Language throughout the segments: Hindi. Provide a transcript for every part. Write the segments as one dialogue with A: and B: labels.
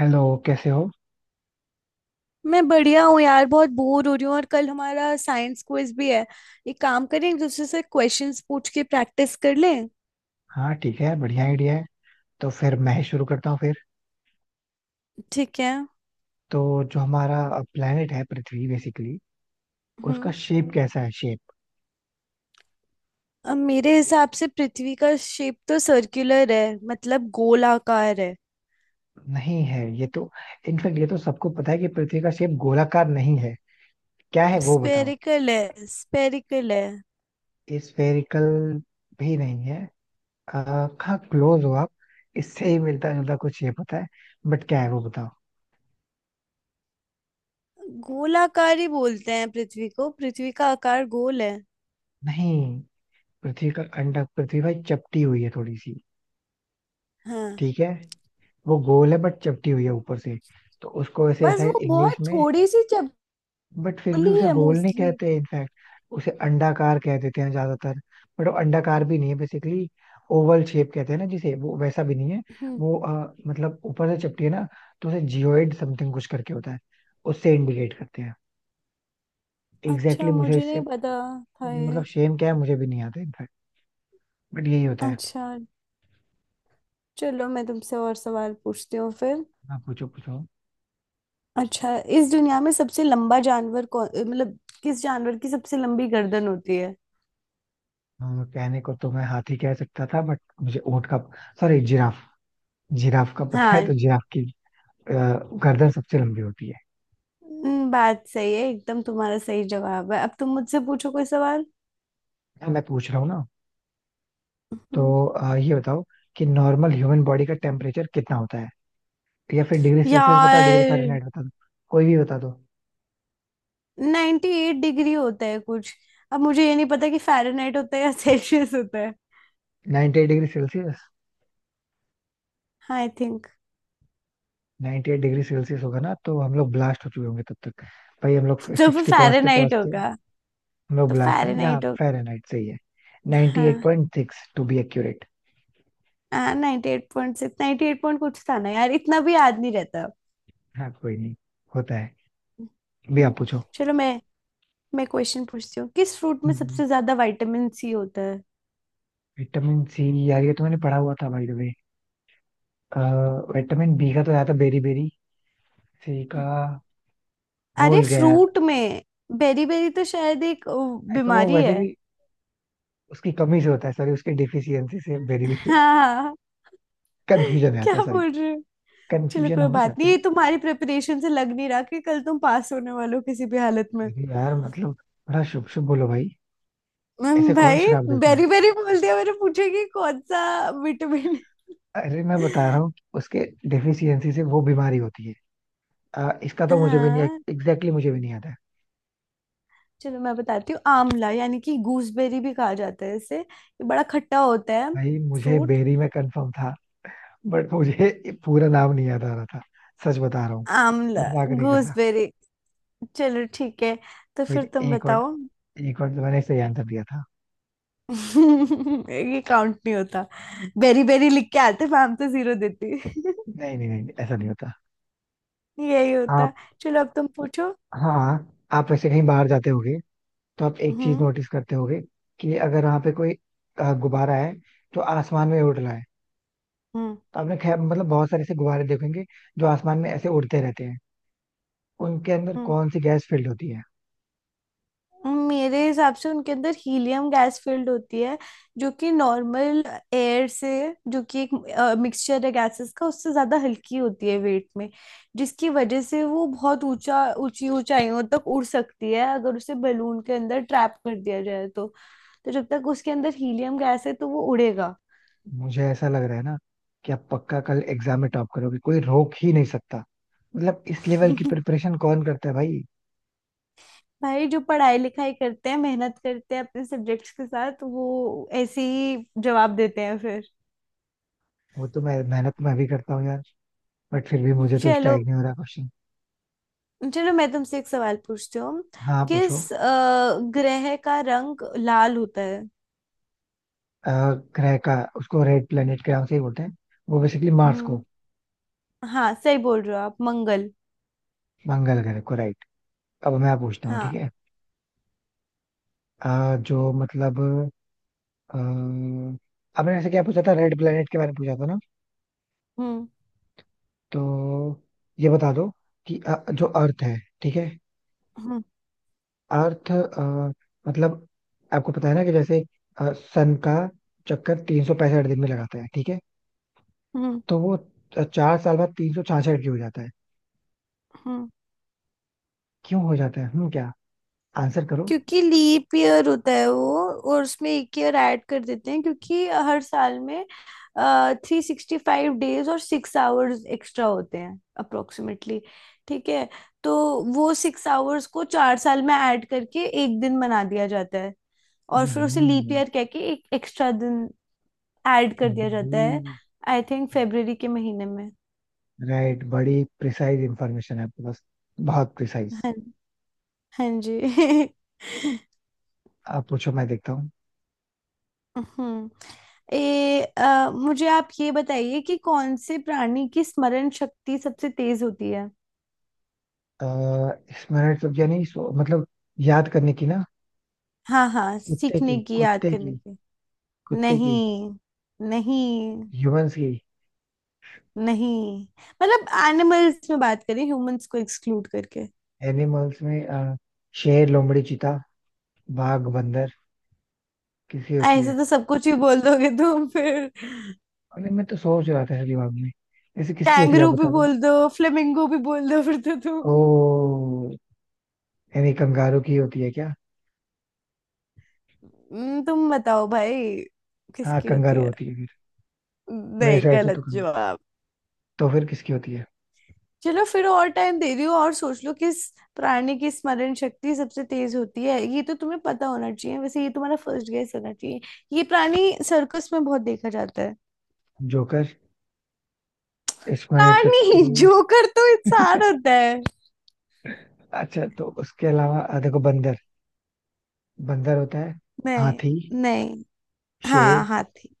A: हेलो। कैसे हो।
B: मैं बढ़िया हूँ यार, बहुत बोर हो रही हूँ और कल हमारा साइंस क्विज भी है। एक काम करें, एक दूसरे से क्वेश्चंस पूछ के प्रैक्टिस कर लें।
A: हाँ ठीक है, बढ़िया आइडिया है। तो फिर मैं ही शुरू करता हूँ फिर।
B: ठीक है।
A: तो जो हमारा प्लेनेट है पृथ्वी बेसिकली, उसका
B: हम्म।
A: शेप कैसा है? शेप।
B: अब मेरे हिसाब से पृथ्वी का शेप तो सर्कुलर है, मतलब गोलाकार है।
A: नहीं है ये तो। इनफैक्ट ये तो सबको पता है कि पृथ्वी का शेप गोलाकार नहीं है। क्या है वो बताओ?
B: स्फेरिकल है।
A: स्फेरिकल भी नहीं है। आ, हाँ क्लोज हो आप, इससे ही मिलता जुलता कुछ शेप होता है। बट क्या है वो बताओ?
B: गोलाकार ही बोलते हैं पृथ्वी को, पृथ्वी का आकार गोल है।
A: नहीं, पृथ्वी का अंडा, पृथ्वी भाई चपटी हुई है थोड़ी सी।
B: हाँ,
A: ठीक है। वो गोल है बट चपटी हुई है ऊपर से। तो उसको वैसे
B: बस
A: शायद
B: वो
A: इंग्लिश
B: बहुत
A: में,
B: थोड़ी सी
A: बट फिर भी
B: चपली
A: उसे
B: है
A: गोल नहीं
B: मोस्टली।
A: कहते इनफैक्ट, उसे अंडाकार कह देते हैं ज्यादातर। बट वो अंडाकार भी नहीं है बेसिकली। ओवल शेप कहते हैं ना जिसे, वो वैसा भी नहीं है।
B: हम्म।
A: वो मतलब ऊपर से चपटी है ना, तो उसे जियोइड समथिंग कुछ करके होता है, उससे इंडिकेट करते हैं। एग्जैक्टली
B: अच्छा,
A: मुझे
B: मुझे
A: इससे
B: नहीं पता था ये।
A: मतलब शेम क्या है मुझे भी नहीं आता इनफैक्ट, बट यही होता है।
B: अच्छा, चलो मैं तुमसे और सवाल पूछती हूँ फिर।
A: आप पूछो पूछो।
B: अच्छा, इस दुनिया में सबसे लंबा जानवर कौन, मतलब किस जानवर की सबसे लंबी गर्दन होती है।
A: कहने को तो मैं हाथी कह सकता था बट मुझे ऊंट का, सॉरी, जिराफ। जिराफ का पता है
B: हाँ।
A: तो जिराफ की अ, गर्दन सबसे लंबी होती है।
B: बात सही है एकदम, तुम्हारा सही जवाब है। अब तुम मुझसे पूछो कोई सवाल।
A: हाँ, मैं पूछ रहा हूँ ना।
B: हम्म।
A: तो ये बताओ कि नॉर्मल ह्यूमन बॉडी का टेम्परेचर कितना होता है। या फिर डिग्री सेल्सियस बताओ, डिग्री
B: यार,
A: फारेनहाइट बता दो। कोई भी बता दो।
B: 98 एट डिग्री होता है कुछ। अब मुझे ये नहीं पता कि फ़ारेनहाइट होता है या सेल्सियस होता है,
A: 98 degree Celsius?
B: I think.
A: 98 degree Celsius होगा ना तो हम लोग ब्लास्ट हो चुके होंगे तब तक। भाई हम लोग
B: तो फिर
A: 60 पहुंचते
B: फ़ारेनहाइट
A: पहुंचते
B: होगा।
A: हम लोग
B: तो
A: ब्लास्ट होंगे। हाँ
B: फ़ारेनहाइट होगा
A: फारेनहाइट सही है।
B: हाँ।
A: 98.6 टू बी एक्यूरेट।
B: हाँ, 98.6 eight point six, ninety eight point कुछ था ना यार, इतना भी याद नहीं रहता।
A: हाँ कोई नहीं। होता है भी।
B: हम्म।
A: आप पूछो।
B: चलो, मैं क्वेश्चन पूछती हूँ। किस फ्रूट में सबसे ज्यादा विटामिन सी होता है।
A: विटामिन सी यार ये तो मैंने पढ़ा हुआ था भाई द वे, विटामिन बी का तो ज्यादा बेरी बेरी, सी का
B: अरे,
A: भूल गया यार।
B: फ्रूट में बेरी बेरी तो शायद एक
A: आई तो वो
B: बीमारी
A: वैसे
B: है।
A: भी उसकी कमी से होता है, सॉरी, उसकी डिफिशियंसी से बेरी बेरी।
B: हाँ।
A: कंफ्यूजन में
B: क्या
A: आता है, सॉरी,
B: बोल रहे हो। चलो,
A: कंफ्यूजन
B: कोई
A: हो
B: बात
A: जाता
B: नहीं,
A: है।
B: ये तुम्हारी प्रिपरेशन से लग नहीं रहा कि कल तुम पास होने वाले हो किसी भी हालत में।
A: अरे यार मतलब बड़ा शुभ शुभ बोलो भाई। ऐसे कौन
B: भाई,
A: शराब देता है।
B: बेरी बेरी बोल दिया, मैंने पूछा कि कौन सा विटामिन।
A: अरे मैं बता रहा हूँ उसके डिफिशियंसी से वो बीमारी होती है। इसका तो मुझे भी नहीं,
B: हाँ।
A: एग्जैक्टली मुझे भी नहीं आता है।
B: चलो मैं बताती हूँ, आंवला यानी कि गूसबेरी भी कहा जाता है इसे, ये बड़ा खट्टा होता है
A: भाई मुझे
B: फ्रूट,
A: बेरी में कंफर्म था, बट मुझे पूरा नाम नहीं याद आ रहा था। सच बता रहा हूँ,
B: आमला,
A: मजाक नहीं कर रहा।
B: गूसबेरी। चलो ठीक है, तो
A: भाई,
B: फिर तुम
A: एक और
B: बताओ।
A: एक बार तो मैंने सही आंसर दिया था।
B: ये काउंट नहीं होता। बेरी बेरी लिख के आते मैम तो जीरो देती
A: नहीं नहीं नहीं, ऐसा नहीं होता।
B: यही होता।
A: आप।
B: चलो, अब तुम पूछो।
A: हाँ। आप वैसे कहीं बाहर जाते होगे, तो आप एक चीज
B: हम्म।
A: नोटिस करते होगे कि अगर वहां पे कोई गुब्बारा है तो आसमान में उड़ रहा है।
B: हम्म।
A: तो आपने खैर मतलब बहुत सारे ऐसे गुब्बारे देखेंगे जो आसमान में ऐसे उड़ते रहते हैं। उनके अंदर
B: हम्म।
A: कौन सी गैस फील्ड होती है?
B: मेरे हिसाब से उनके अंदर हीलियम गैस फील्ड होती है, जो कि नॉर्मल एयर से, जो कि एक मिक्सचर है गैसेस का, उससे ज्यादा हल्की होती है वेट में, जिसकी वजह से वो बहुत ऊंचा ऊंची ऊंचाइयों तक उड़ सकती है अगर उसे बलून के अंदर ट्रैप कर दिया जाए तो। तो जब तक उसके अंदर हीलियम गैस है तो वो उड़ेगा।
A: मुझे ऐसा लग रहा है ना, कि आप पक्का कल एग्जाम में टॉप करोगे, कोई रोक ही नहीं सकता। मतलब इस लेवल की प्रिपरेशन कौन करता है भाई।
B: भाई, जो पढ़ाई लिखाई करते हैं, मेहनत करते हैं अपने सब्जेक्ट्स के साथ, वो ऐसे ही जवाब देते हैं फिर।
A: वो तो मैं मेहनत तो मैं भी करता हूँ यार, बट फिर भी मुझे तो
B: चलो,
A: स्ट्राइक नहीं हो रहा क्वेश्चन।
B: मैं तुमसे एक सवाल पूछती हूँ।
A: हाँ पूछो।
B: किस ग्रह का रंग लाल होता है।
A: अ, ग्रह का उसको रेड प्लेनेट के नाम से ही बोलते हैं, वो बेसिकली मार्स
B: हम्म।
A: को।
B: हाँ, सही बोल रहे हो आप, मंगल।
A: मंगल ग्रह को, राइट। अब मैं पूछता हूँ, ठीक
B: हाँ।
A: है। जो मतलब अ, आपने ऐसे क्या पूछा था, रेड प्लेनेट के बारे में पूछा था ना।
B: हम्म।
A: तो ये बता दो कि जो अर्थ है, ठीक है,
B: हम्म।
A: अर्थ मतलब आपको पता है ना कि जैसे सन का चक्कर 365 दिन में लगाता है, ठीक है।
B: हम्म।
A: तो वो 4 साल बाद 366 हो जाता है।
B: हम्म।
A: क्यों हो जाता है, हम्म, क्या आंसर करो,
B: क्योंकि लीप ईयर होता है वो, और उसमें एक ईयर ऐड कर देते हैं क्योंकि हर साल में 365 डेज और 6 आवर्स एक्स्ट्रा होते हैं अप्रोक्सीमेटली, ठीक है। तो वो 6 आवर्स को 4 साल में ऐड करके एक दिन बना दिया जाता है, और फिर उसे लीप
A: हम्म।
B: ईयर कह के एक एक्स्ट्रा दिन ऐड कर दिया जाता
A: बड़ी,
B: है, आई थिंक फेब्रवरी के महीने में।
A: राइट। बड़ी प्रिसाइज इंफॉर्मेशन है आपके पास, बहुत प्रिसाइज।
B: हाँ। हाँ जी
A: आप पूछो, मैं देखता हूँ।
B: हम्म। मुझे आप ये बताइए कि कौन से प्राणी की स्मरण शक्ति सबसे तेज होती है।
A: अ, स्मरण शक्ति यानी मतलब याद करने की ना?
B: हाँ हाँ,
A: कुत्ते
B: सीखने
A: की,
B: की, याद
A: कुत्ते
B: करने
A: की,
B: की।
A: कुत्ते की।
B: नहीं। नहीं।
A: ह्यूमंस की।
B: नहीं। मतलब एनिमल्स में बात करें, ह्यूमंस को एक्सक्लूड करके।
A: एनिमल्स में शेर, लोमड़ी, चीता, बाघ, बंदर, किसकी होती
B: ऐसे
A: है?
B: तो सब कुछ ही बोल दोगे तुम फिर।
A: अरे मैं तो सोच रहा था दिमाग में, ऐसे किसकी होती है, आप
B: कैंगरू भी
A: बता दो।
B: बोल दो, फ्लेमिंगो भी बोल दो फिर तो तुम।
A: ओ, यानी कंगारू की होती है क्या?
B: तुम बताओ भाई,
A: हाँ
B: किसकी होती
A: कंगारू
B: है।
A: होती है फिर। मेरे
B: नहीं,
A: साइड से तो
B: गलत
A: कंग...
B: जवाब।
A: तो फिर किसकी होती है?
B: चलो फिर, और टाइम दे दियो और सोच लो किस प्राणी की स्मरण शक्ति सबसे तेज होती है, ये तो तुम्हें पता होना चाहिए, वैसे ये तुम्हारा फर्स्ट गेस होना चाहिए। ये प्राणी सर्कस में बहुत देखा जाता है।
A: जोकर। स्मरण
B: प्राणी
A: शक्ति।
B: जोकर तो इंसान होता है।
A: अच्छा तो उसके अलावा देखो, बंदर, बंदर होता है,
B: नहीं।
A: हाथी,
B: नहीं। हाँ,
A: शेर,
B: हाथी।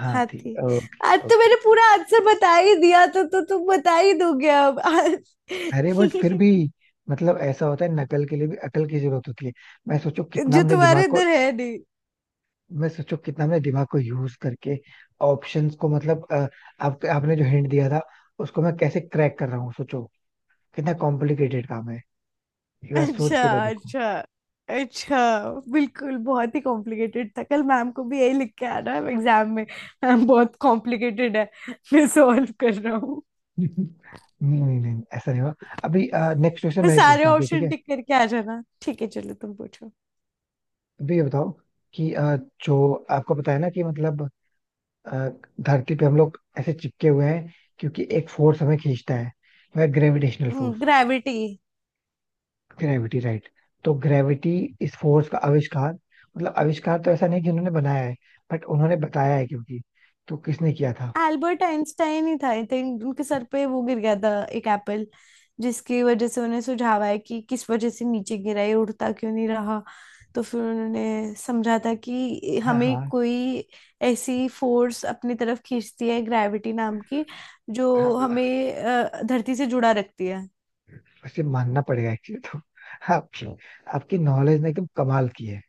A: हाथी।
B: हाथी।
A: ओके
B: आज तो
A: ओके।
B: मैंने पूरा आंसर बता ही दिया, तो तुम बता ही दोगे अब आज।
A: अरे बट फिर भी मतलब ऐसा होता है नकल के लिए भी अकल की जरूरत होती है। मैं सोचो कितना
B: जो
A: हमने
B: तुम्हारे
A: दिमाग को
B: अंदर है।
A: मैं सोचो कितना हमने दिमाग को यूज करके ऑप्शंस को मतलब आपने जो हिंट दिया था, उसको मैं कैसे क्रैक कर रहा हूँ, सोचो कितना कॉम्प्लिकेटेड काम है। एक बार सोच
B: अच्छा।
A: के तो देखो।
B: अच्छा। अच्छा। बिल्कुल, बहुत ही कॉम्प्लिकेटेड था, कल मैम को भी यही लिख के आना है एग्जाम में, मैम बहुत कॉम्प्लिकेटेड है, मैं सॉल्व कर रहा हूँ।
A: नहीं नहीं नहीं, ऐसा नहीं हुआ। अभी नेक्स्ट क्वेश्चन
B: मैं
A: मैं ही
B: सारे
A: पूछता हूँ फिर, ठीक
B: ऑप्शन
A: है।
B: टिक करके आ जाना। ठीक है, चलो तुम पूछो।
A: अभी ये बताओ कि जो आपको पता है ना कि मतलब अ, धरती पे हम लोग ऐसे चिपके हुए हैं क्योंकि एक फोर्स हमें खींचता है, वह gravitational force.
B: Gravity.
A: Gravity, right. तो ग्रेविटी, इस फोर्स का आविष्कार, मतलब आविष्कार तो ऐसा नहीं कि उन्होंने बनाया है, बट उन्होंने बताया है क्योंकि, तो किसने किया था?
B: एल्बर्ट आइंस्टाइन ही था, आई थिंक उनके सर पे वो गिर गया था एक एप्पल, जिसकी वजह से उन्हें सुझाव आया कि किस वजह से नीचे गिरा ये, उड़ता क्यों नहीं रहा। तो फिर उन्होंने समझा था कि
A: हाँ
B: हमें
A: हाँ
B: कोई ऐसी फोर्स अपनी तरफ खींचती है ग्रेविटी नाम की, जो
A: हाँ।
B: हमें धरती से जुड़ा रखती है।
A: वैसे मानना पड़ेगा एक्चुअली तो, आपकी आपकी नॉलेज ने एकदम कमाल की है।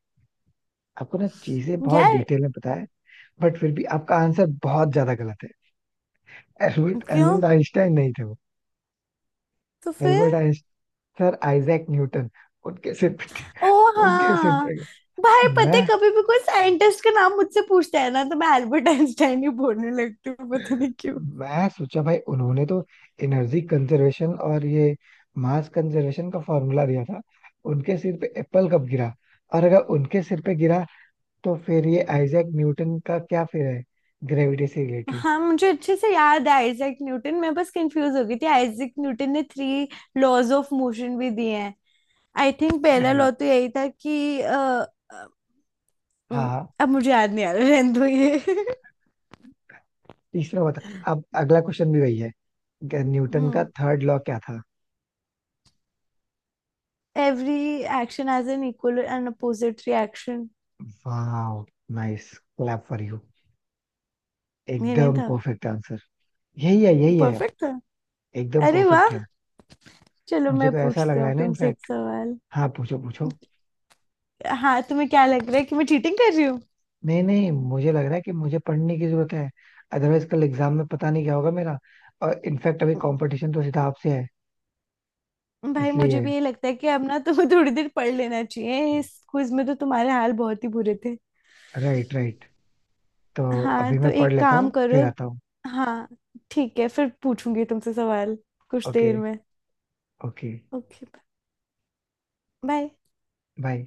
A: आपको ना चीजें बहुत
B: यार।
A: डिटेल में पता है, बट फिर भी आपका आंसर बहुत ज्यादा गलत है। एल्बर्ट
B: क्यों,
A: एल्बर्ट आइंस्टाइन नहीं थे वो।
B: तो
A: एल्बर्ट
B: फिर।
A: Einstein, sir Isaac Newton. उनके सिर पे,
B: ओ।
A: उनके सिर
B: हाँ।
A: पे।
B: भाई पता
A: मैं
B: है, कभी भी कोई साइंटिस्ट का नाम मुझसे पूछता है ना तो मैं एल्बर्ट आइंस्टाइन ही बोलने लगती हूँ, पता नहीं।
A: मैं सोचा भाई उन्होंने तो एनर्जी कंजर्वेशन और ये मास कंजर्वेशन का फॉर्मूला दिया था। उनके सिर पे एप्पल कब गिरा? और अगर उनके सिर पे गिरा, तो फिर ये आइजैक न्यूटन का क्या फिर है, ग्रेविटी से रिलेटेड?
B: हाँ, मुझे अच्छे से याद है, आइजैक न्यूटन, मैं बस कंफ्यूज हो गई थी। आइजैक न्यूटन ने 3 लॉज ऑफ मोशन भी दिए हैं। आई थिंक पहला
A: नहीं।
B: लॉ तो यही था कि अ, उम,
A: हाँ।
B: अब मुझे याद नहीं आ रहा, रहने दो ये
A: तीसरा बता। अब अगला क्वेश्चन भी वही है, न्यूटन का
B: हम्म।
A: थर्ड लॉ क्या था?
B: Every action has an equal and opposite reaction.
A: वाह, नाइस। Clap for you.
B: ये नहीं
A: एकदम
B: था।
A: Perfect answer. यही है यही है।
B: परफेक्ट था।
A: एकदम
B: अरे वाह।
A: परफेक्ट है।
B: चलो
A: मुझे
B: मैं
A: तो ऐसा लग
B: पूछती
A: रहा
B: हूँ
A: है ना
B: तुमसे एक
A: इनफैक्ट।
B: सवाल।
A: हाँ पूछो पूछो।
B: हाँ, तुम्हें क्या लग रहा है कि मैं चीटिंग कर रही हूँ।
A: नहीं नहीं, मुझे लग रहा है कि मुझे पढ़ने की जरूरत है। अदरवाइज कल एग्जाम में पता नहीं क्या होगा मेरा। और इनफैक्ट अभी कंपटीशन तो सीधा आपसे है,
B: भाई, मुझे
A: इसलिए।
B: भी यही लगता है कि अब ना तुम्हें थोड़ी देर पढ़ लेना चाहिए, इस क्विज में तो तुम्हारे हाल बहुत ही बुरे थे।
A: Right right. तो
B: हाँ,
A: अभी
B: तो
A: मैं पढ़
B: एक
A: लेता
B: काम
A: हूँ फिर
B: करो।
A: आता हूँ।
B: हाँ, ठीक है, फिर पूछूंगी तुमसे सवाल कुछ
A: ओके,
B: देर में।
A: ओके।
B: ओके। बाय।
A: बाय।